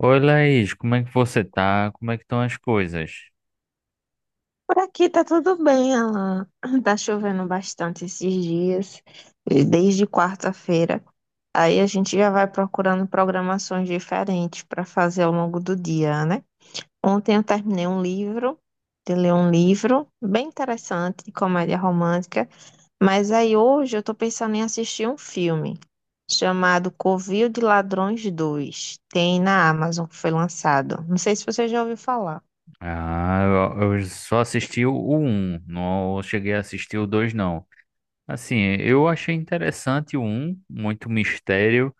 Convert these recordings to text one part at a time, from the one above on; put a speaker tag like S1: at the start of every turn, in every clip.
S1: Oi, Laís, como é que você tá? Como é que estão as coisas?
S2: Por aqui tá tudo bem, Alan. Tá chovendo bastante esses dias, desde quarta-feira. Aí a gente já vai procurando programações diferentes para fazer ao longo do dia, né? Ontem eu terminei um livro, de ler um livro bem interessante, de comédia romântica. Mas aí hoje eu tô pensando em assistir um filme chamado Covil de Ladrões 2. Tem na Amazon que foi lançado. Não sei se você já ouviu falar.
S1: Ah, eu só assisti o um, não cheguei a assistir o 2 não. Assim, eu achei interessante o um, muito mistério,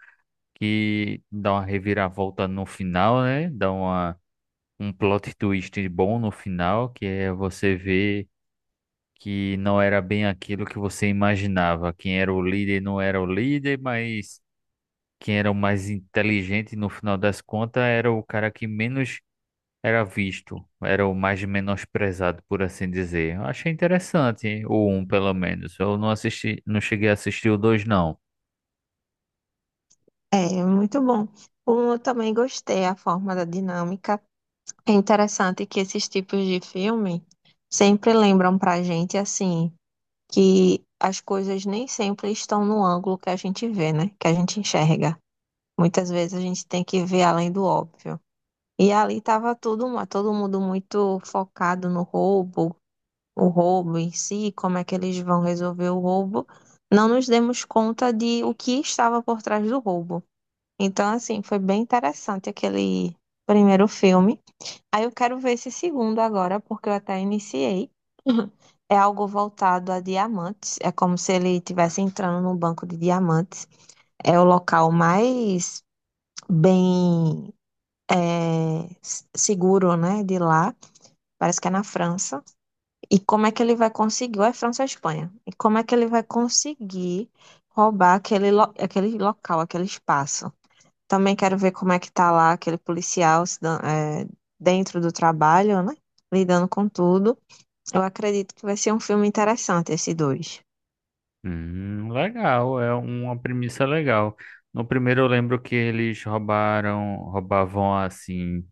S1: que dá uma reviravolta no final, né? Um plot twist bom no final, que é você ver que não era bem aquilo que você imaginava. Quem era o líder não era o líder, mas quem era o mais inteligente no final das contas era o cara que menos era visto, era o mais menosprezado, por assim dizer. Eu achei interessante, o um pelo menos. Eu não assisti, não cheguei a assistir o dois não.
S2: É, muito bom. Eu também gostei a forma da dinâmica. É interessante que esses tipos de filme sempre lembram pra gente, assim, que as coisas nem sempre estão no ângulo que a gente vê, né? Que a gente enxerga. Muitas vezes a gente tem que ver além do óbvio. E ali tava tudo, todo mundo muito focado no roubo, o roubo em si, como é que eles vão resolver o roubo. Não nos demos conta de o que estava por trás do roubo. Então, assim, foi bem interessante aquele primeiro filme. Aí eu quero ver esse segundo agora, porque eu até iniciei. É algo voltado a diamantes. É como se ele estivesse entrando num banco de diamantes. É o local mais bem seguro, né, de lá. Parece que é na França. E como é que ele vai conseguir? Ou é França ou Espanha? E como é que ele vai conseguir roubar aquele local, aquele espaço? Também quero ver como é que tá lá aquele policial se dan- é, dentro do trabalho, né? Lidando com tudo. Eu acredito que vai ser um filme interessante, esse dois.
S1: Legal, é uma premissa legal. No primeiro eu lembro que roubavam assim,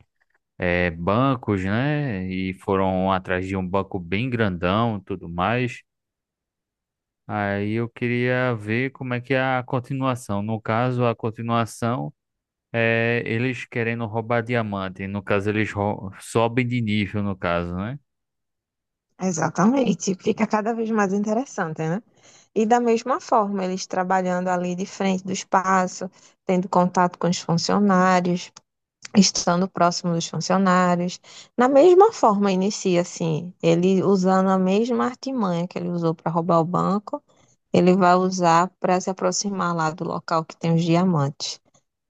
S1: bancos, né? E foram atrás de um banco bem grandão, e tudo mais. Aí eu queria ver como é que é a continuação. No caso, a continuação é, eles querendo roubar diamante. No caso, sobem de nível, no caso, né?
S2: Exatamente. Fica cada vez mais interessante, né? E da mesma forma, eles trabalhando ali de frente do espaço, tendo contato com os funcionários, estando próximo dos funcionários. Na mesma forma, inicia assim, ele usando a mesma artimanha que ele usou para roubar o banco, ele vai usar para se aproximar lá do local que tem os diamantes.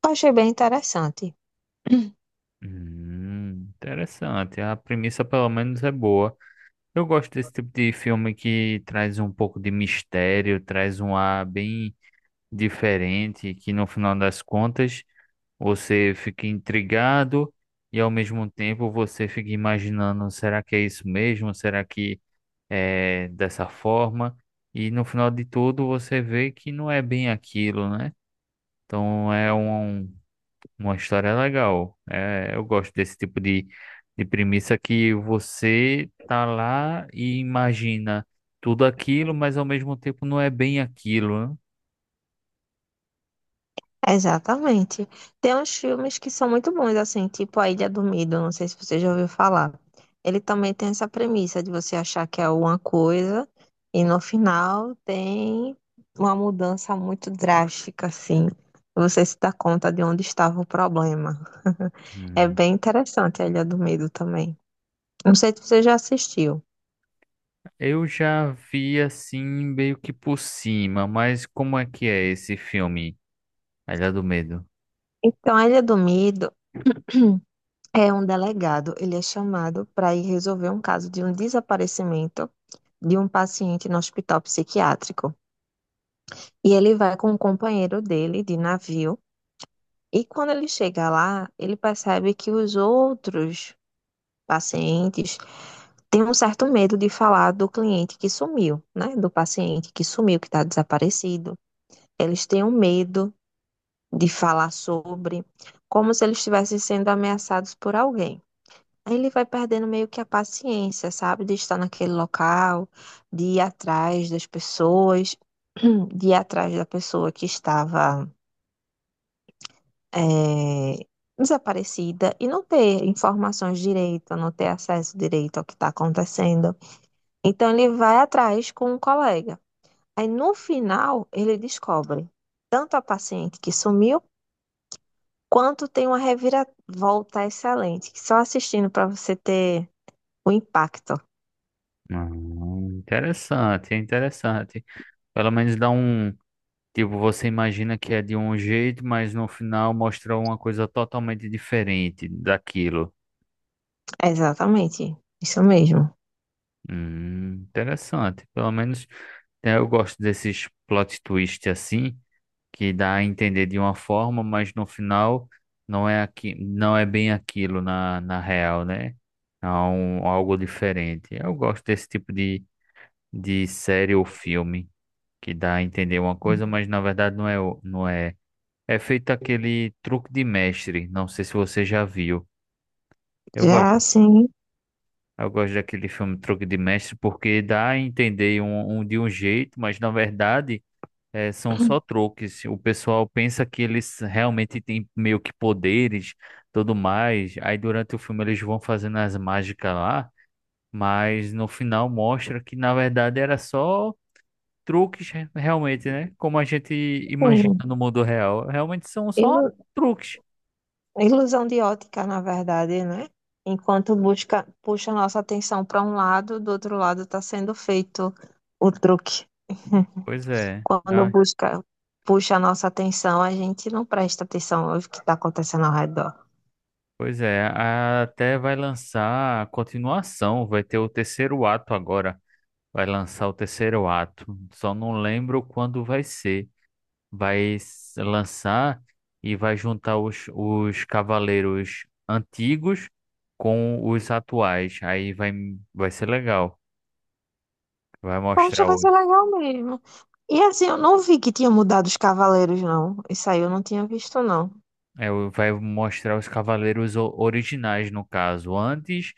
S2: Eu achei bem interessante.
S1: Interessante. A premissa, pelo menos, é boa. Eu gosto desse tipo de filme que traz um pouco de mistério, traz um ar bem diferente, que no final das contas você fica intrigado e ao mesmo tempo você fica imaginando, será que é isso mesmo? Será que é dessa forma? E no final de tudo você vê que não é bem aquilo, né? Então é um, uma história legal. É, eu gosto desse tipo de premissa que você tá lá e imagina tudo aquilo, mas ao mesmo tempo não é bem aquilo, né?
S2: Exatamente. Tem uns filmes que são muito bons, assim, tipo A Ilha do Medo, não sei se você já ouviu falar. Ele também tem essa premissa de você achar que é uma coisa e no final tem uma mudança muito drástica, assim. Você se dá conta de onde estava o problema. É
S1: Hum.
S2: bem interessante a Ilha do Medo também. Não sei se você já assistiu.
S1: Eu já vi assim meio que por cima, mas como é que é esse filme? A Ilha do Medo.
S2: Então, a Ilha do Medo é um delegado, ele é chamado para ir resolver um caso de um desaparecimento de um paciente no hospital psiquiátrico. E ele vai com um companheiro dele de navio. E quando ele chega lá, ele percebe que os outros pacientes têm um certo medo de falar do cliente que sumiu, né? Do paciente que sumiu, que está desaparecido. Eles têm um medo de falar sobre, como se eles estivessem sendo ameaçados por alguém. Ele vai perdendo meio que a paciência, sabe? De estar naquele local, de ir atrás das pessoas, de ir atrás da pessoa que estava eh, desaparecida e não ter informações direito, não ter acesso direito ao que está acontecendo. Então, ele vai atrás com um colega. Aí, no final, ele descobre tanto a paciente que sumiu, quanto tem uma reviravolta excelente, que só assistindo para você ter o impacto.
S1: Interessante, é interessante. Pelo menos dá um. Tipo, você imagina que é de um jeito, mas no final mostra uma coisa totalmente diferente daquilo.
S2: Exatamente, isso mesmo.
S1: Interessante. Pelo menos né, eu gosto desses plot twist assim, que dá a entender de uma forma, mas no final não é bem aquilo na real, né? Algo diferente. Eu gosto desse tipo de série ou filme que dá a entender uma coisa, mas na verdade não é. É feito aquele Truque de Mestre, não sei se você já viu. Eu
S2: Já
S1: gosto,
S2: assim,
S1: eu gosto daquele filme Truque de Mestre porque dá a entender um de um jeito, mas na verdade são só truques. O pessoal pensa que eles realmente têm meio que poderes, tudo mais. Aí durante o filme eles vão fazendo as mágicas lá, mas no final mostra que na verdade era só realmente, né? Como a gente imagina
S2: sim.
S1: no mundo real, realmente são só
S2: Ilu-
S1: truques.
S2: Ilusão de ótica, na verdade, né? Enquanto busca, puxa nossa atenção para um lado, do outro lado está sendo feito o truque.
S1: Pois é.
S2: Quando
S1: Ah,
S2: busca, puxa a nossa atenção, a gente não presta atenção no que está acontecendo ao redor.
S1: pois é, até vai lançar a continuação, vai ter o terceiro ato agora. Vai lançar o terceiro ato. Só não lembro quando vai ser. Lançar e vai juntar os cavaleiros antigos com os atuais. Vai ser legal. Vai mostrar
S2: Poxa, vai ser
S1: os,
S2: legal mesmo. E assim, eu não vi que tinha mudado os cavaleiros, não. Isso aí eu não tinha visto, não.
S1: Vai mostrar os cavaleiros originais, no caso, antes,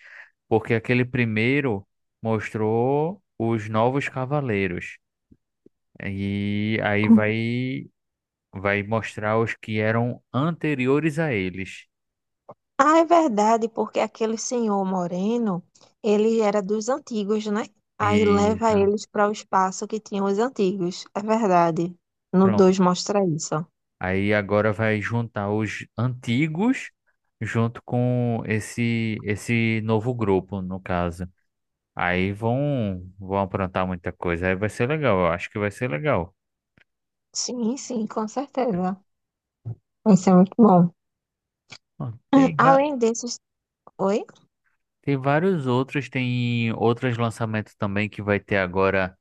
S1: porque aquele primeiro mostrou os novos cavaleiros. E aí vai mostrar os que eram anteriores a eles.
S2: Ah, é verdade, porque aquele senhor moreno, ele era dos antigos, né? Aí
S1: E
S2: leva
S1: né,
S2: eles para o espaço que tinham os antigos. É verdade. No
S1: pronto.
S2: 2 mostra isso.
S1: Aí agora vai juntar os antigos junto com esse novo grupo, no caso. Aí vão aprontar muita coisa. Aí vai ser legal, eu acho que vai ser legal.
S2: Sim, sim, com certeza. Vai ser muito bom.
S1: Ó,
S2: Além desses. Oi?
S1: tem vários outros, tem outros lançamentos também que vai ter agora.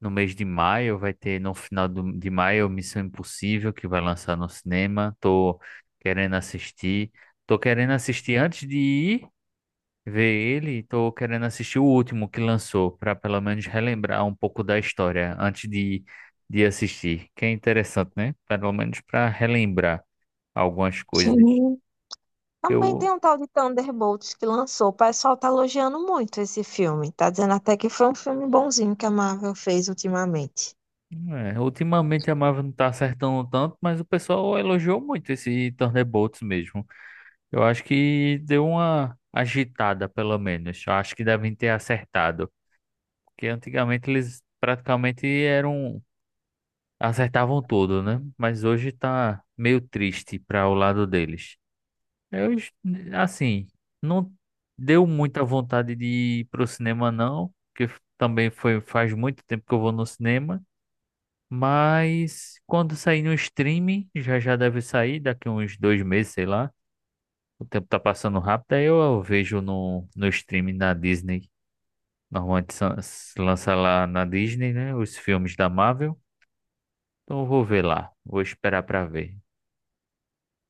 S1: No mês de maio vai ter, no final de maio, Missão Impossível, que vai lançar no cinema. Tô querendo assistir. Tô querendo assistir antes de ir ver ele. Tô querendo assistir o último que lançou, para pelo menos relembrar um pouco da história antes de assistir. Que é interessante, né? Pelo menos para relembrar algumas coisas.
S2: Sim.
S1: Que
S2: Também tem
S1: eu,
S2: um tal de Thunderbolts que lançou. O pessoal tá elogiando muito esse filme. Tá dizendo até que foi um filme bonzinho que a Marvel fez ultimamente.
S1: Ultimamente a Marvel não tá acertando tanto, mas o pessoal elogiou muito esse Thunderbolts mesmo. Eu acho que deu uma agitada, pelo menos. Eu acho que devem ter acertado. Porque antigamente eles praticamente eram. Acertavam tudo, né? Mas hoje tá meio triste para o lado deles. Eu, es- assim, não deu muita vontade de ir pro cinema, não. Porque também foi, faz muito tempo que eu vou no cinema. Mas quando sair no streaming, já já deve sair daqui uns dois meses, sei lá. O tempo tá passando rápido, aí eu vejo no streaming da Disney. Normalmente se lança lá na Disney, né? Os filmes da Marvel. Então eu vou ver lá. Vou esperar pra ver.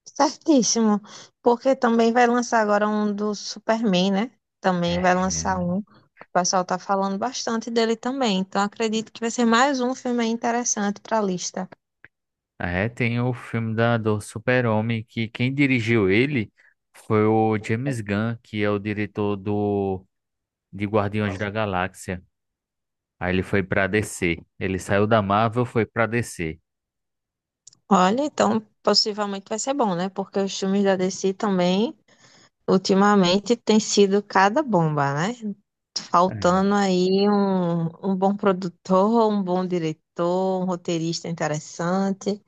S2: Certíssimo. Porque também vai lançar agora um do Superman, né? Também vai
S1: É,
S2: lançar um. O pessoal tá falando bastante dele também. Então acredito que vai ser mais um filme aí interessante pra lista.
S1: é, tem o filme do Super-Homem, que quem dirigiu ele foi o James Gunn, que é o diretor de Guardiões da Galáxia. Aí ele foi pra DC. Ele saiu da Marvel, foi pra DC.
S2: Olha, então possivelmente vai ser bom, né? Porque os filmes da DC também. Ultimamente tem sido cada bomba, né?
S1: É.
S2: Faltando aí um bom produtor, um bom diretor, um roteirista interessante.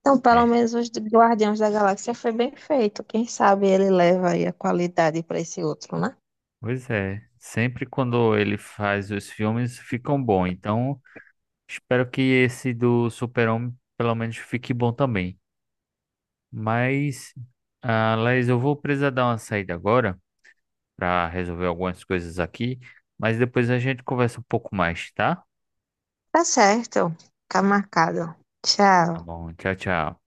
S2: Então, pelo
S1: É.
S2: menos os de Guardiões da Galáxia foi bem feito. Quem sabe ele leva aí a qualidade para esse outro, né?
S1: Pois é, sempre quando ele faz os filmes ficam bons. Então espero que esse do Super-Homem pelo menos fique bom também. Mas, ah, Laís, eu vou precisar dar uma saída agora para resolver algumas coisas aqui, mas depois a gente conversa um pouco mais, tá?
S2: Tá certo. Tá marcado. Tchau.
S1: Tá bom, tchau, tchau.